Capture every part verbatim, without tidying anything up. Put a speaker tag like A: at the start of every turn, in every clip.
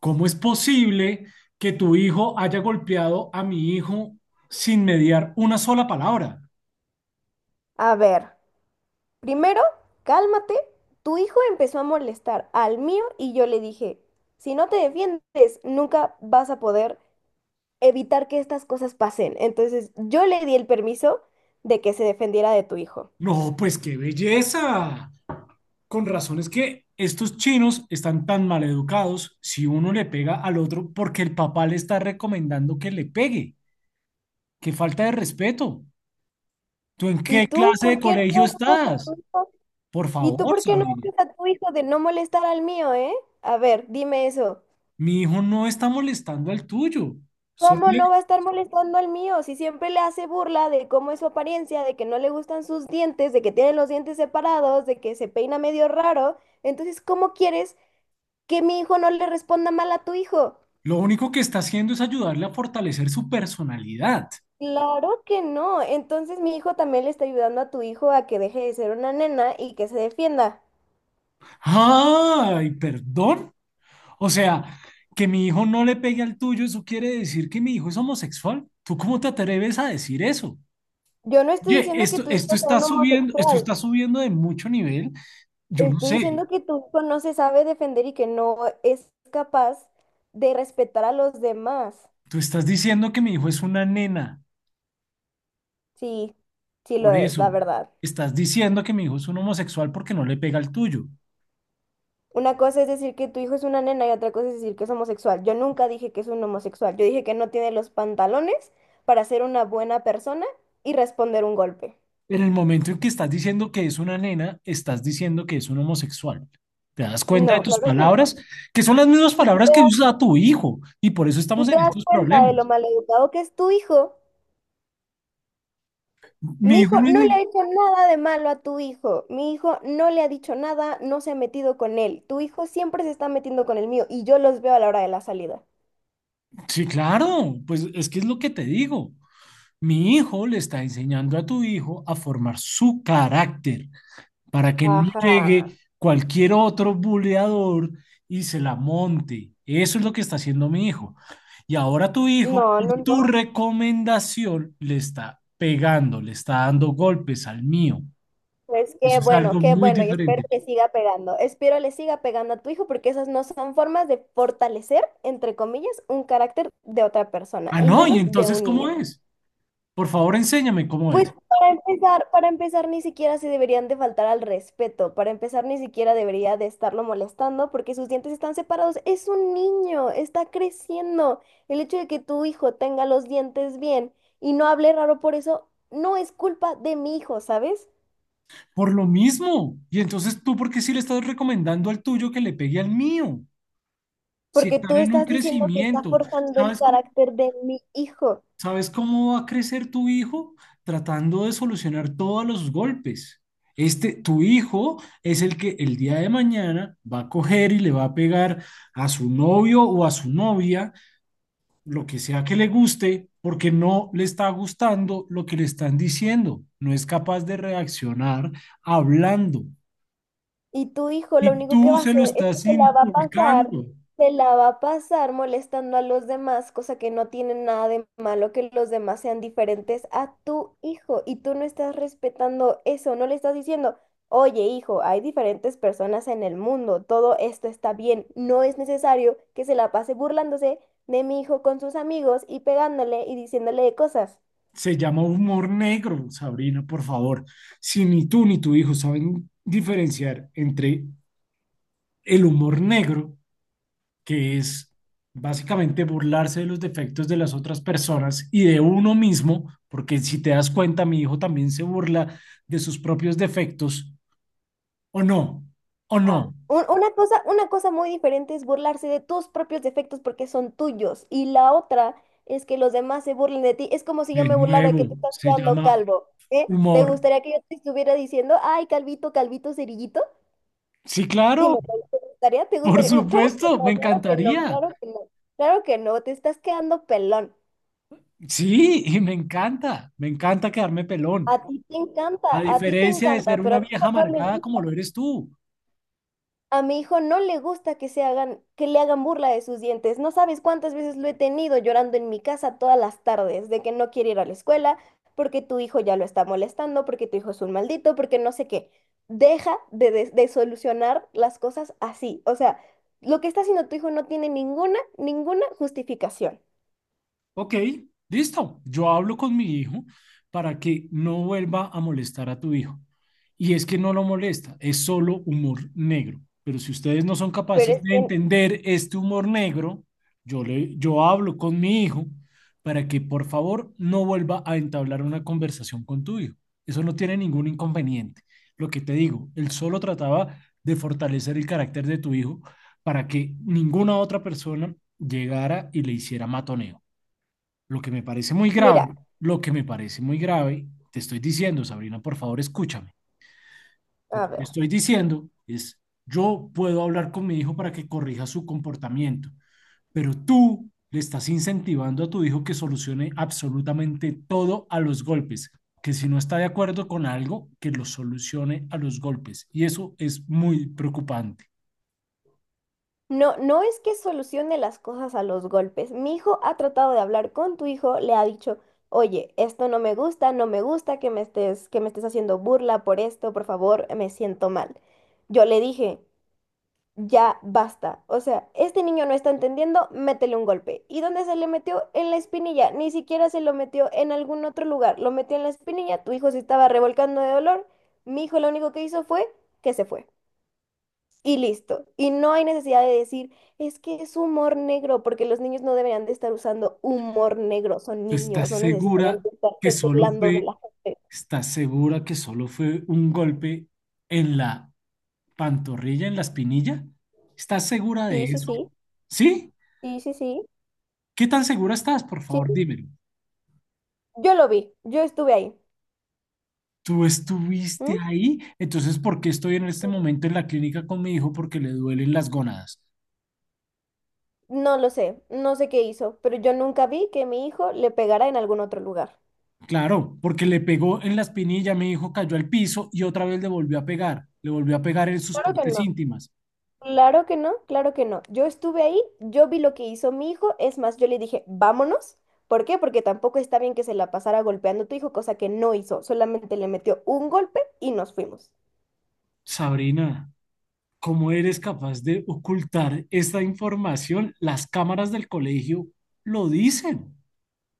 A: ¿Cómo es posible que tu hijo haya golpeado a mi hijo sin mediar una sola palabra?
B: A ver, primero, cálmate. Tu hijo empezó a molestar al mío y yo le dije, si no te defiendes, nunca vas a poder evitar que estas cosas pasen. Entonces, yo le di el permiso de que se defendiera de tu hijo.
A: No, pues qué belleza. Con razón es que estos chinos están tan mal educados si uno le pega al otro porque el papá le está recomendando que le pegue. Qué falta de respeto. ¿Tú en
B: ¿Y
A: qué
B: tú
A: clase de
B: por qué
A: colegio
B: no educas a
A: estás?
B: tu hijo?
A: Por
B: ¿Y tú
A: favor,
B: por qué no
A: Sabrina.
B: educas a tu hijo de no molestar al mío, eh? A ver, dime eso.
A: Mi hijo no está molestando al tuyo. Solo
B: ¿Cómo
A: le-
B: no va a estar molestando al mío? Si siempre le hace burla de cómo es su apariencia, de que no le gustan sus dientes, de que tiene los dientes separados, de que se peina medio raro. Entonces, ¿cómo quieres que mi hijo no le responda mal a tu hijo?
A: lo único que está haciendo es ayudarle a fortalecer su personalidad.
B: Claro que no. Entonces, mi hijo también le está ayudando a tu hijo a que deje de ser una nena y que se defienda.
A: Ay, perdón. O sea, que mi hijo no le pegue al tuyo, eso quiere decir que mi hijo es homosexual. ¿Tú cómo te atreves a decir eso?
B: Yo no estoy
A: Oye,
B: diciendo que
A: esto,
B: tu
A: esto
B: hijo sea
A: está
B: un
A: subiendo, esto
B: homosexual.
A: está subiendo de mucho nivel. Yo no
B: Estoy
A: sé.
B: diciendo que tu hijo no se sabe defender y que no es capaz de respetar a los demás.
A: Tú estás diciendo que mi hijo es una nena,
B: Sí, sí lo
A: por
B: es, la
A: eso.
B: verdad.
A: Estás diciendo que mi hijo es un homosexual porque no le pega al tuyo.
B: Una cosa es decir que tu hijo es una nena y otra cosa es decir que es homosexual. Yo nunca dije que es un homosexual. Yo dije que no tiene los pantalones para ser una buena persona y responder un golpe.
A: En el momento en que estás diciendo que es una nena, estás diciendo que es un homosexual. ¿Te das cuenta de
B: No,
A: tus
B: claro que no.
A: palabras? Que son las mismas
B: Y tú
A: palabras
B: te,
A: que usa tu hijo. Y por eso estamos
B: tú te
A: en
B: das
A: estos
B: cuenta de lo
A: problemas.
B: maleducado que es tu hijo.
A: Mi
B: Mi
A: hijo
B: hijo
A: no es
B: no le
A: ni-
B: ha hecho nada de malo a tu hijo. Mi hijo no le ha dicho nada, no se ha metido con él. Tu hijo siempre se está metiendo con el mío y yo los veo a la hora de la salida.
A: sí, claro. Pues es que es lo que te digo. Mi hijo le está enseñando a tu hijo a formar su carácter, para que no
B: Ajá.
A: llegue cualquier otro buleador y se la monte. Eso es lo que está haciendo mi hijo. Y ahora tu hijo,
B: No, no,
A: por tu
B: no.
A: recomendación, le está pegando, le está dando golpes al mío.
B: Pues
A: Eso
B: qué
A: es
B: bueno,
A: algo
B: qué
A: muy
B: bueno, y espero
A: diferente.
B: le siga pegando. Espero le siga pegando a tu hijo porque esas no son formas de fortalecer, entre comillas, un carácter de otra persona,
A: Ah,
B: y
A: no, y
B: menos de
A: entonces,
B: un
A: ¿cómo
B: niño.
A: es? Por favor, enséñame cómo
B: Pues
A: es.
B: para empezar, para empezar ni siquiera se deberían de faltar al respeto, para empezar ni siquiera debería de estarlo molestando porque sus dientes están separados. Es un niño, está creciendo. El hecho de que tu hijo tenga los dientes bien y no hable raro por eso, no es culpa de mi hijo, ¿sabes?
A: Por lo mismo. Y entonces, ¿tú por qué sí le estás recomendando al tuyo que le pegue al mío? Si
B: Porque
A: están
B: tú
A: en un
B: estás diciendo que estás
A: crecimiento,
B: forjando el
A: ¿sabes cómo?
B: carácter de mi hijo
A: ¿Sabes cómo va a crecer tu hijo? Tratando de solucionar todos los golpes. Este, tu hijo es el que el día de mañana va a coger y le va a pegar a su novio o a su novia, lo que sea que le guste, porque no le está gustando lo que le están diciendo. No es capaz de reaccionar hablando.
B: y tu hijo lo
A: Y
B: único que
A: tú
B: va a
A: se
B: hacer
A: lo
B: es que
A: estás
B: se la va a pasar,
A: inculcando.
B: se la va a pasar molestando a los demás, cosa que no tiene nada de malo que los demás sean diferentes a tu hijo y tú no estás respetando eso, no le estás diciendo, oye hijo, hay diferentes personas en el mundo, todo esto está bien, no es necesario que se la pase burlándose de mi hijo con sus amigos y pegándole y diciéndole cosas.
A: Se llama humor negro, Sabrina, por favor. Si ni tú ni tu hijo saben diferenciar entre el humor negro, que es básicamente burlarse de los defectos de las otras personas y de uno mismo, porque si te das cuenta, mi hijo también se burla de sus propios defectos, o no, o no.
B: Ah, un- Una cosa, una cosa muy diferente es burlarse de tus propios defectos porque son tuyos. Y la otra es que los demás se burlen de ti. Es como si yo
A: De
B: me burlara de que te
A: nuevo,
B: estás
A: se
B: quedando
A: llama
B: calvo. ¿Eh? ¿Te
A: humor.
B: gustaría que yo te estuviera diciendo, ay, calvito, calvito, cerillito?
A: Sí, claro,
B: Dime, ¿te gustaría? ¿Te
A: por
B: gustaría? No, claro que
A: supuesto,
B: no,
A: me
B: claro que no,
A: encantaría.
B: claro que no. Claro que no, te estás quedando pelón.
A: Sí, y me encanta, me encanta quedarme
B: A
A: pelón.
B: ti te encanta,
A: A
B: a ti te
A: diferencia de
B: encanta,
A: ser
B: pero
A: una
B: a mí
A: vieja
B: no le
A: amargada como
B: gusta.
A: lo eres tú.
B: A mi hijo no le gusta que se hagan, que le hagan burla de sus dientes. No sabes cuántas veces lo he tenido llorando en mi casa todas las tardes, de que no quiere ir a la escuela, porque tu hijo ya lo está molestando, porque tu hijo es un maldito, porque no sé qué. Deja de, de- de solucionar las cosas así. O sea, lo que está haciendo tu hijo no tiene ninguna, ninguna justificación.
A: Ok, listo. Yo hablo con mi hijo para que no vuelva a molestar a tu hijo. Y es que no lo molesta, es solo humor negro. Pero si ustedes no son
B: Pero
A: capaces
B: es
A: de
B: que,
A: entender este humor negro, yo le, yo hablo con mi hijo para que por favor no vuelva a entablar una conversación con tu hijo. Eso no tiene ningún inconveniente. Lo que te digo, él solo trataba de fortalecer el carácter de tu hijo para que ninguna otra persona llegara y le hiciera matoneo. Lo que me parece muy grave,
B: mira,
A: lo que me parece muy grave, te estoy diciendo, Sabrina, por favor, escúchame. Lo
B: a
A: que te
B: ver.
A: estoy diciendo es, yo puedo hablar con mi hijo para que corrija su comportamiento, pero tú le estás incentivando a tu hijo que solucione absolutamente todo a los golpes, que si no está de acuerdo con algo, que lo solucione a los golpes. Y eso es muy preocupante.
B: No, no es que solucione las cosas a los golpes. Mi hijo ha tratado de hablar con tu hijo, le ha dicho, oye, esto no me gusta, no me gusta que me estés, que me estés haciendo burla por esto, por favor, me siento mal. Yo le dije, ya basta. O sea, este niño no está entendiendo, métele un golpe. ¿Y dónde se le metió? En la espinilla. Ni siquiera se lo metió en algún otro lugar. Lo metió en la espinilla, tu hijo se estaba revolcando de dolor. Mi hijo lo único que hizo fue que se fue. Y listo. Y no hay necesidad de decir, es que es humor negro, porque los niños no deberían de estar usando humor negro, son
A: ¿Tú estás
B: niños, no necesitarían
A: segura
B: de
A: que
B: estarse
A: solo
B: burlando de
A: fue,
B: la gente.
A: estás segura que solo fue un golpe en la ¿pantorrilla, en la espinilla? ¿Estás segura de
B: Sí, sí,
A: eso?
B: sí,
A: ¿Sí?
B: sí, sí, sí,
A: ¿Qué tan segura estás? Por favor,
B: sí.
A: dímelo.
B: Yo lo vi, yo estuve ahí.
A: ¿Tú estuviste
B: ¿M?
A: ahí? Entonces, ¿por qué estoy en este momento en la clínica con mi hijo? Porque le duelen las gónadas.
B: No lo sé, no sé qué hizo, pero yo nunca vi que mi hijo le pegara en algún otro lugar.
A: Claro, porque le pegó en la espinilla, mi hijo cayó al piso y otra vez le volvió a pegar. Le volvió a pegar en sus
B: Claro que
A: partes
B: no.
A: íntimas.
B: Claro que no, claro que no. Yo estuve ahí, yo vi lo que hizo mi hijo, es más, yo le dije, vámonos. ¿Por qué? Porque tampoco está bien que se la pasara golpeando a tu hijo, cosa que no hizo, solamente le metió un golpe y nos fuimos.
A: Sabrina, ¿cómo eres capaz de ocultar esta información? Las cámaras del colegio lo dicen,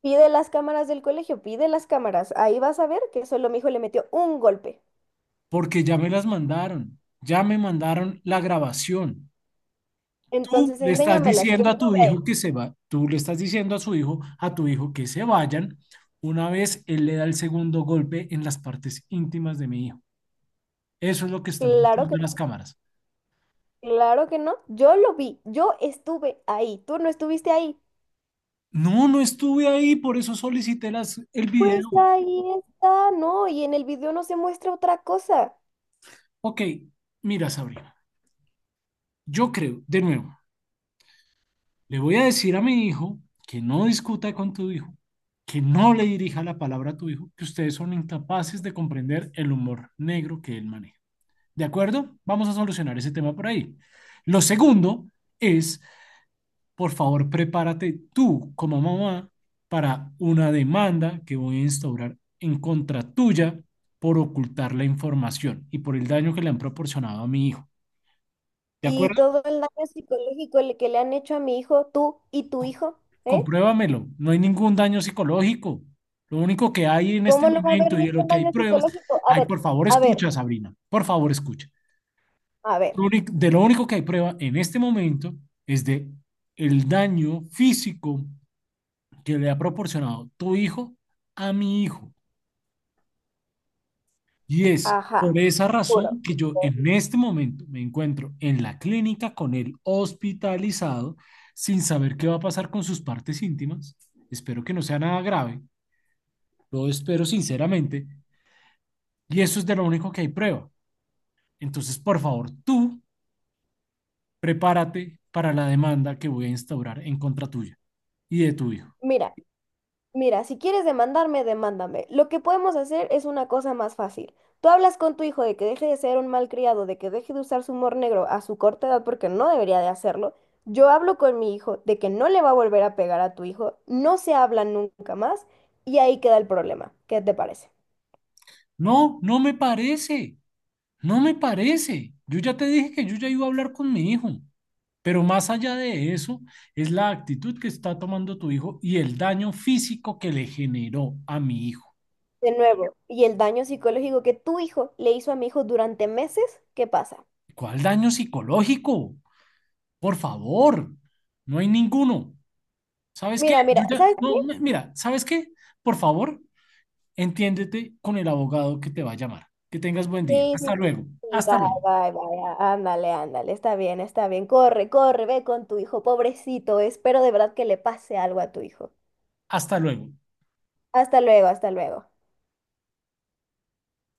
B: Pide las cámaras del colegio, pide las cámaras, ahí vas a ver que solo mi hijo le metió un golpe.
A: porque ya me las mandaron, ya me mandaron la grabación. Tú
B: Entonces,
A: le estás
B: enséñamelas, yo
A: diciendo a tu
B: estuve ahí.
A: hijo que se va, tú le estás diciendo a su hijo, a tu hijo que se vayan. Una vez él le da el segundo golpe en las partes íntimas de mi hijo. Eso es lo que están
B: Claro que
A: mostrando las
B: no,
A: cámaras.
B: claro que no, yo lo vi, yo estuve ahí, tú no estuviste ahí.
A: No, no estuve ahí, por eso solicité las, el
B: Pues
A: video.
B: ahí está, no, y en el video no se muestra otra cosa.
A: Ok, mira, Sabrina, yo creo, de nuevo, le voy a decir a mi hijo que no discuta con tu hijo, que no le dirija la palabra a tu hijo, que ustedes son incapaces de comprender el humor negro que él maneja. ¿De acuerdo? Vamos a solucionar ese tema por ahí. Lo segundo es, por favor, prepárate tú como mamá para una demanda que voy a instaurar en contra tuya por ocultar la información y por el daño que le han proporcionado a mi hijo. ¿De
B: Y
A: acuerdo?
B: todo el daño psicológico le- que le han hecho a mi hijo, tú y tu
A: Co-
B: hijo, ¿eh?
A: compruébamelo. No hay ningún daño psicológico. Lo único que hay en este
B: ¿Cómo no va a haber
A: momento y de lo
B: ningún
A: que hay
B: daño
A: pruebas,
B: psicológico? A
A: ay,
B: ver,
A: por favor,
B: a ver,
A: escucha, Sabrina, por favor, escucha.
B: a ver,
A: Lo único- de lo único que hay prueba en este momento es de el daño físico que le ha proporcionado tu hijo a mi hijo. Y es por
B: ajá,
A: esa
B: seguro.
A: razón que yo en este momento me encuentro en la clínica con él hospitalizado sin saber qué va a pasar con sus partes íntimas. Espero que no sea nada grave. Lo espero sinceramente. Y eso es de lo único que hay prueba. Entonces, por favor, tú prepárate para la demanda que voy a instaurar en contra tuya y de tu hijo.
B: Mira, mira, si quieres demandarme, demándame. Lo que podemos hacer es una cosa más fácil. Tú hablas con tu hijo de que deje de ser un malcriado, de que deje de usar su humor negro a su corta edad porque no debería de hacerlo. Yo hablo con mi hijo de que no le va a volver a pegar a tu hijo, no se hablan nunca más y ahí queda el problema. ¿Qué te parece?
A: No, no me parece. No me parece. Yo ya te dije que yo ya iba a hablar con mi hijo. Pero más allá de eso, es la actitud que está tomando tu hijo y el daño físico que le generó a mi hijo.
B: De nuevo, y el daño psicológico que tu hijo le hizo a mi hijo durante meses, ¿qué pasa?
A: ¿Cuál daño psicológico? Por favor, no hay ninguno. ¿Sabes qué?
B: Mira,
A: Yo
B: mira,
A: ya,
B: ¿sabes qué?
A: no, mi- mira, ¿sabes qué? Por favor, entiéndete con el abogado que te va a llamar. Que tengas buen día.
B: Sí, sí,
A: Hasta
B: sí,
A: luego.
B: sí, bye,
A: Hasta luego.
B: bye, bye. á- Ándale, ándale. Está bien, está bien. Corre, corre, ve con tu hijo. Pobrecito, espero de verdad que le pase algo a tu hijo.
A: Hasta luego.
B: Hasta luego, hasta luego.